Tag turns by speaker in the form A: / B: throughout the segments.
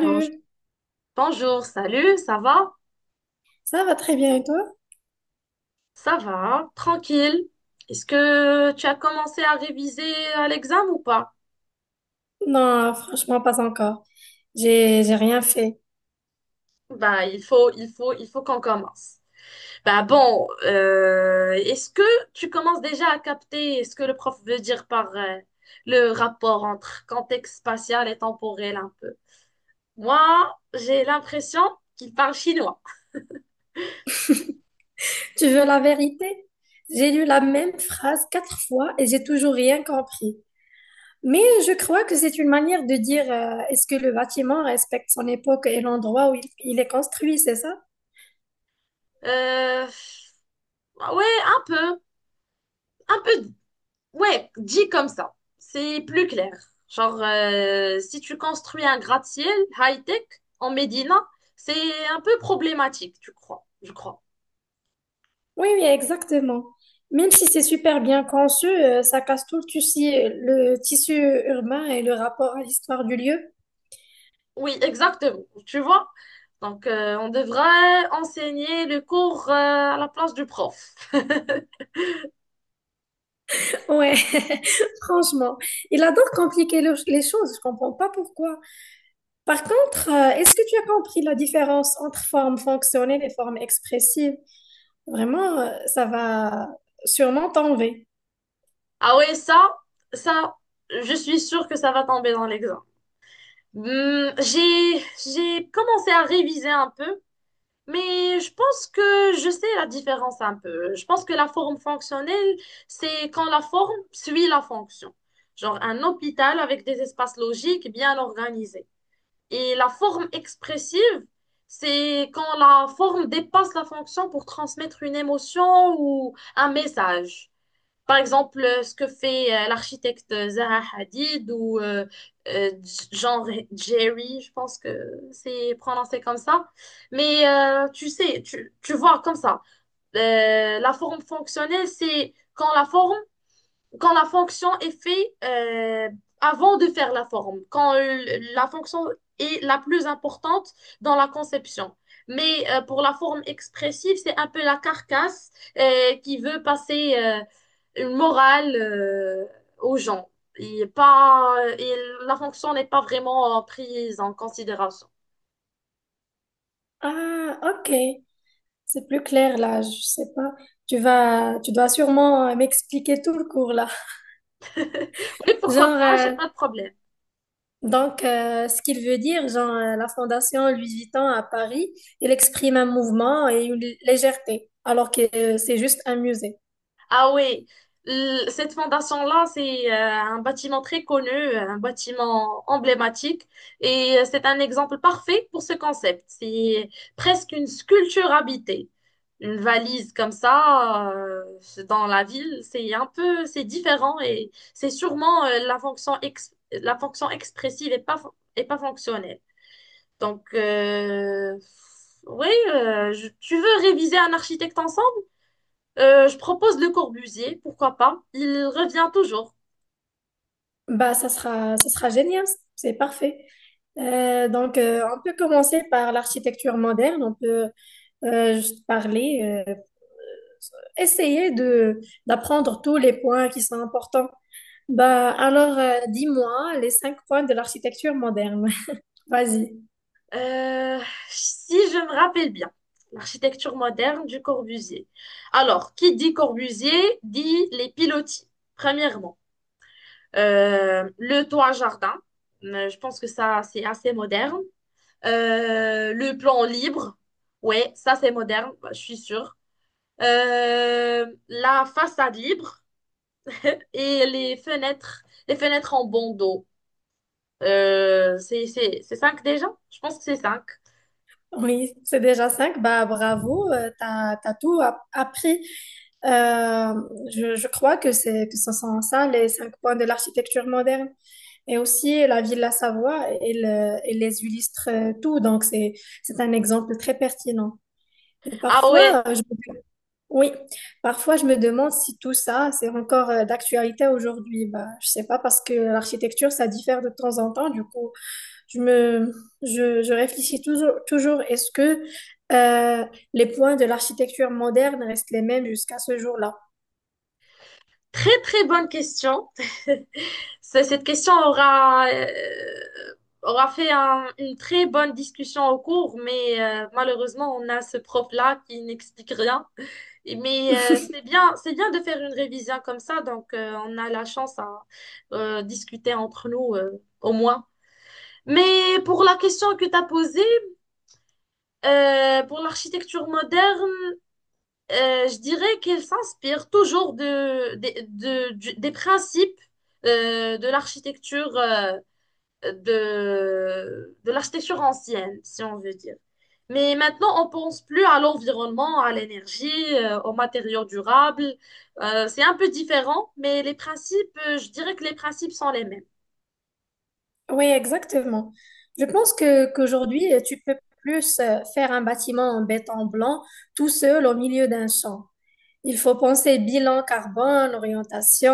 A: Bonj- Bonjour, salut, ça va?
B: ça va très bien et toi?
A: Ça va, hein. Tranquille. Est-ce que tu as commencé à réviser à l'examen ou pas?
B: Non, franchement, pas encore. J'ai rien fait.
A: Bah, il faut qu'on commence. Bah bon, est-ce que tu commences déjà à capter ce que le prof veut dire par le rapport entre contexte spatial et temporel un peu? Moi, j'ai l'impression qu'il parle chinois.
B: Tu veux la vérité? J'ai lu la même phrase quatre fois et j'ai toujours rien compris. Mais je crois que c'est une manière de dire, est-ce que le bâtiment respecte son époque et l'endroit où il est construit, c'est ça?
A: Euh, ouais, un peu, un peu. Ouais, dit comme ça, c'est plus clair. Genre, si tu construis un gratte-ciel high-tech en Médina, c'est un peu problématique, tu crois, je crois.
B: Oui, oui, exactement. Même si c'est super bien conçu, ça casse tout le tissu urbain et le rapport à l'histoire du lieu.
A: Oui, exactement, tu vois. Donc, on devrait enseigner le cours, à la place du prof.
B: Ouais, franchement. Il adore compliquer les choses, je comprends pas pourquoi. Par contre, est-ce que tu as compris la différence entre formes fonctionnelles et formes expressives? Vraiment, ça va sûrement t'enlever.
A: Ah ouais, ça, je suis sûre que ça va tomber dans l'examen. Hmm, j'ai commencé à réviser un peu. Mais je pense que je sais la différence un peu. Je pense que la forme fonctionnelle, c'est quand la forme suit la fonction. Genre un hôpital avec des espaces logiques bien organisés. Et la forme expressive, c'est quand la forme dépasse la fonction pour transmettre une émotion ou un message. Par exemple, ce que fait l'architecte Zaha Hadid ou euh, Jerry, je pense que c'est prononcé comme ça. Mais tu sais, tu vois comme ça. La forme fonctionnelle, c'est quand la forme quand la fonction est faite avant de faire la forme, quand la fonction est la plus importante dans la conception. Mais pour la forme expressive, c'est un peu la carcasse qui veut passer une morale aux gens. Et la fonction n'est pas vraiment prise en considération.
B: Ah, ok. C'est plus clair là, je sais pas. Tu dois sûrement m'expliquer tout le cours là.
A: Oui, pourquoi
B: Genre,
A: pas, j'ai
B: euh,
A: pas de problème.
B: Donc, ce qu'il veut dire, genre, la Fondation Louis Vuitton à Paris, il exprime un mouvement et une légèreté, alors que c'est juste un musée.
A: Ah oui, cette fondation-là, c'est un bâtiment très connu, un bâtiment emblématique, et c'est un exemple parfait pour ce concept. C'est presque une sculpture habitée. Une valise comme ça, dans la ville, c'est un peu, c'est différent et c'est sûrement la fonction expressive et pas fonctionnelle. Donc, oui, tu veux réviser un architecte ensemble? Je propose Le Corbusier, pourquoi pas. Il revient toujours.
B: Bah, ça sera génial, c'est parfait. Donc, on peut commencer par l'architecture moderne, on peut juste parler, essayer de d'apprendre tous les points qui sont importants. Bah, alors, dis-moi les cinq points de l'architecture moderne. Vas-y.
A: Euh, si je me rappelle bien, l'architecture moderne du Corbusier. Alors, qui dit Corbusier dit les pilotis, premièrement. Le toit jardin, je pense que ça, c'est assez moderne. Le plan libre, ouais, ça c'est moderne, bah, je suis sûre. La façade libre et les fenêtres en bandeau. C'est cinq déjà? Je pense que c'est cinq.
B: Oui, c'est déjà cinq. Bah, bravo, t'as tout appris. Euh, je crois que c'est que ce sont ça les cinq points de l'architecture moderne. Et aussi la ville de la Savoie, elle les illustre tout. Donc c'est un exemple très pertinent. Et
A: Ah ouais,
B: parfois, oui, parfois je me demande si tout ça c'est encore d'actualité aujourd'hui. Bah, je sais pas parce que l'architecture ça diffère de temps en temps. Du coup. Je me, je réfléchis toujours, toujours est-ce que euh, les points de l'architecture moderne restent les mêmes jusqu'à ce jour-là?
A: très très bonne question. Cette question aura, aura fait une très bonne discussion au cours, mais malheureusement, on a ce prof-là qui n'explique rien. Mais c'est bien de faire une révision comme ça, donc on a la chance à discuter entre nous au moins. Mais pour la question que tu as posée, pour l'architecture moderne, je dirais qu'elle s'inspire toujours de, des- de- du- des principes de l'architecture de l'architecture ancienne, si on veut dire. Mais maintenant, on pense plus à l'environnement, à l'énergie, aux matériaux durables. C'est un peu différent, mais je dirais que les principes sont les mêmes.
B: Oui, exactement. Je pense que qu'aujourd'hui, tu peux plus faire un bâtiment en béton blanc tout seul au milieu d'un champ. Il faut penser bilan carbone, orientation,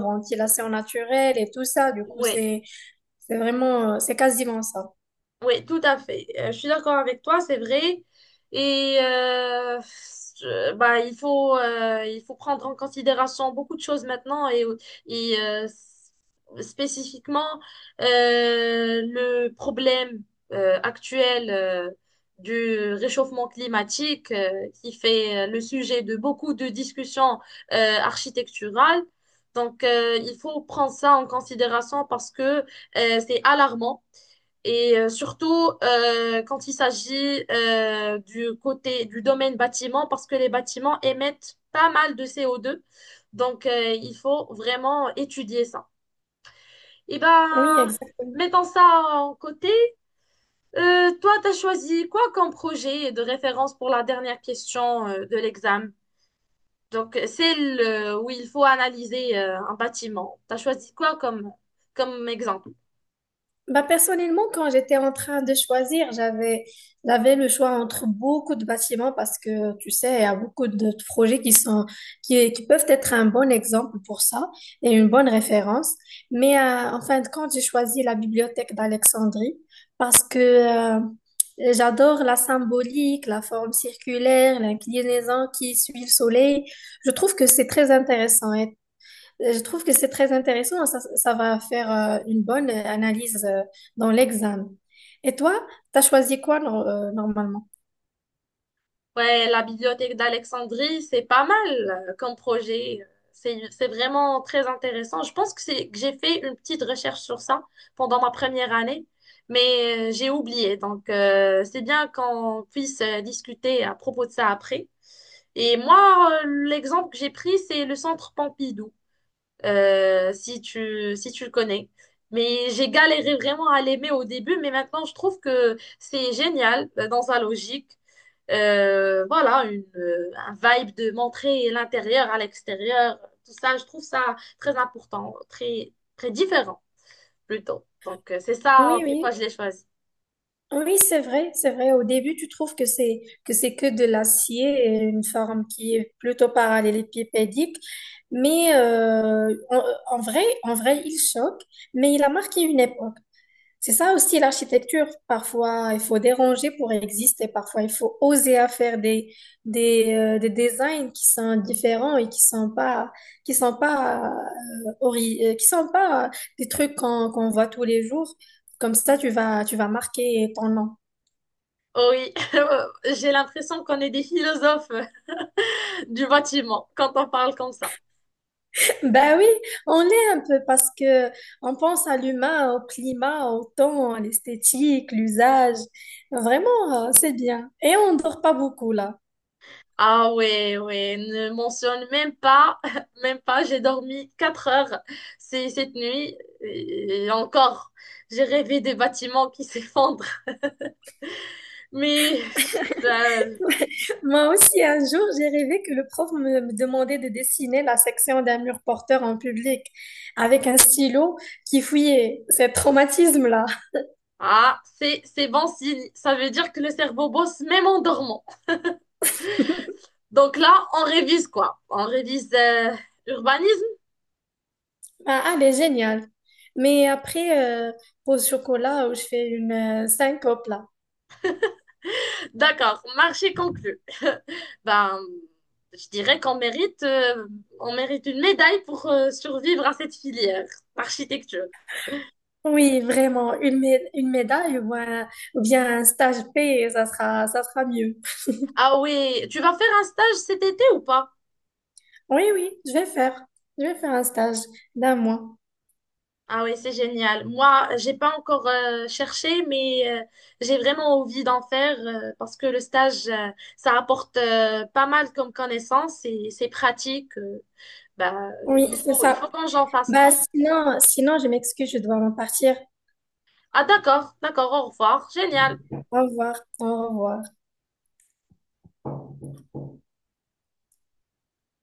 B: ventilation naturelle et tout ça. Du coup,
A: Oui.
B: c'est vraiment, c'est quasiment ça.
A: Oui, tout à fait. Je suis d'accord avec toi, c'est vrai. Et bah, il faut prendre en considération beaucoup de choses maintenant et, euh, s- spécifiquement euh, le problème actuel du réchauffement climatique qui fait le sujet de beaucoup de discussions architecturales. Donc, il faut prendre ça en considération parce que c'est alarmant. Et surtout quand il s'agit du côté du domaine bâtiment, parce que les bâtiments émettent pas mal de CO2. Donc il faut vraiment étudier ça. Et ben,
B: Oui, exactement.
A: mettons ça en côté. Toi, tu as choisi quoi comme projet de référence pour la dernière question de l'examen? Donc celle où il faut analyser un bâtiment. Tu as choisi quoi comme exemple?
B: Bah, personnellement, quand j'étais en train de choisir, j'avais le choix entre beaucoup de bâtiments parce que, tu sais, il y a beaucoup de projets qui sont, qui peuvent être un bon exemple pour ça et une bonne référence. Mais en fin de compte, j'ai choisi la bibliothèque d'Alexandrie parce que j'adore la symbolique, la forme circulaire, l'inclinaison qui suit le soleil. Je trouve que c'est très intéressant je trouve que c'est très intéressant. Ça va faire une bonne analyse dans l'examen. Et toi, t'as choisi quoi normalement?
A: Ouais, la bibliothèque d'Alexandrie, c'est pas mal comme projet. C'est vraiment très intéressant. Je pense que c'est que j'ai fait une petite recherche sur ça pendant ma 1re année, mais j'ai oublié. Donc, c'est bien qu'on puisse discuter à propos de ça après. Et moi, l'exemple que j'ai pris, c'est le centre Pompidou, si tu le connais. Mais j'ai galéré vraiment à l'aimer au début, mais maintenant, je trouve que c'est génial dans sa logique. Voilà, un vibe de montrer l'intérieur à l'extérieur, tout ça, je trouve ça très important, très différent plutôt. Donc, c'est ça
B: Oui,
A: pourquoi
B: oui.
A: je l'ai choisi.
B: Oui, c'est vrai, c'est vrai. Au début, tu trouves que c'est que de l'acier, et une forme qui est plutôt parallélépipédique, mais en vrai, il choque, mais il a marqué une époque. C'est ça aussi l'architecture. Parfois, il faut déranger pour exister. Parfois, il faut oser à faire des designs qui sont différents et qui sont pas, qui sont pas, qui sont pas, des trucs qu'on voit tous les jours. Comme ça, tu vas marquer ton nom.
A: Oh oui, j'ai l'impression qu'on est des philosophes du bâtiment quand on parle comme ça.
B: Ben oui, on est un peu parce que on pense à l'humain, au climat, au temps, à l'esthétique, l'usage. Vraiment, c'est bien. Et on dort pas beaucoup là.
A: Ah ouais, ouais, ne mentionne même pas, même pas, j'ai dormi 4 heures cette nuit et encore, j'ai rêvé des bâtiments qui s'effondrent. Mais ça,
B: Moi aussi, un jour, j'ai rêvé que le prof me demandait de dessiner la section d'un mur porteur en public avec un stylo qui fouillait. C'est traumatisme-là.
A: ah, c'est bon signe. Ça veut dire que le cerveau bosse même en dormant. Donc là, on révise quoi? On révise urbanisme?
B: Ah, elle est géniale. Mais après, pause chocolat, où je fais une syncope là.
A: D'accord, marché conclu. Ben, je dirais qu'on mérite, on mérite une médaille pour survivre à cette filière, architecture.
B: Oui, vraiment, une médaille ou, ou bien un stage P, ça sera mieux.
A: Ah oui, tu vas faire un stage cet été ou pas?
B: Oui, oui, je vais faire. Je vais faire un stage d'un mois.
A: Ah oui, c'est génial. Moi, j'ai pas encore cherché, mais j'ai vraiment envie d'en faire parce que le stage, ça apporte pas mal comme connaissances et c'est pratique. Bah,
B: Oui, c'est
A: il faut
B: ça.
A: que j'en fasse ça.
B: Bah, sinon, je m'excuse, je dois en partir.
A: Ah d'accord, d'accord, au revoir. Génial.
B: Au revoir. Au revoir.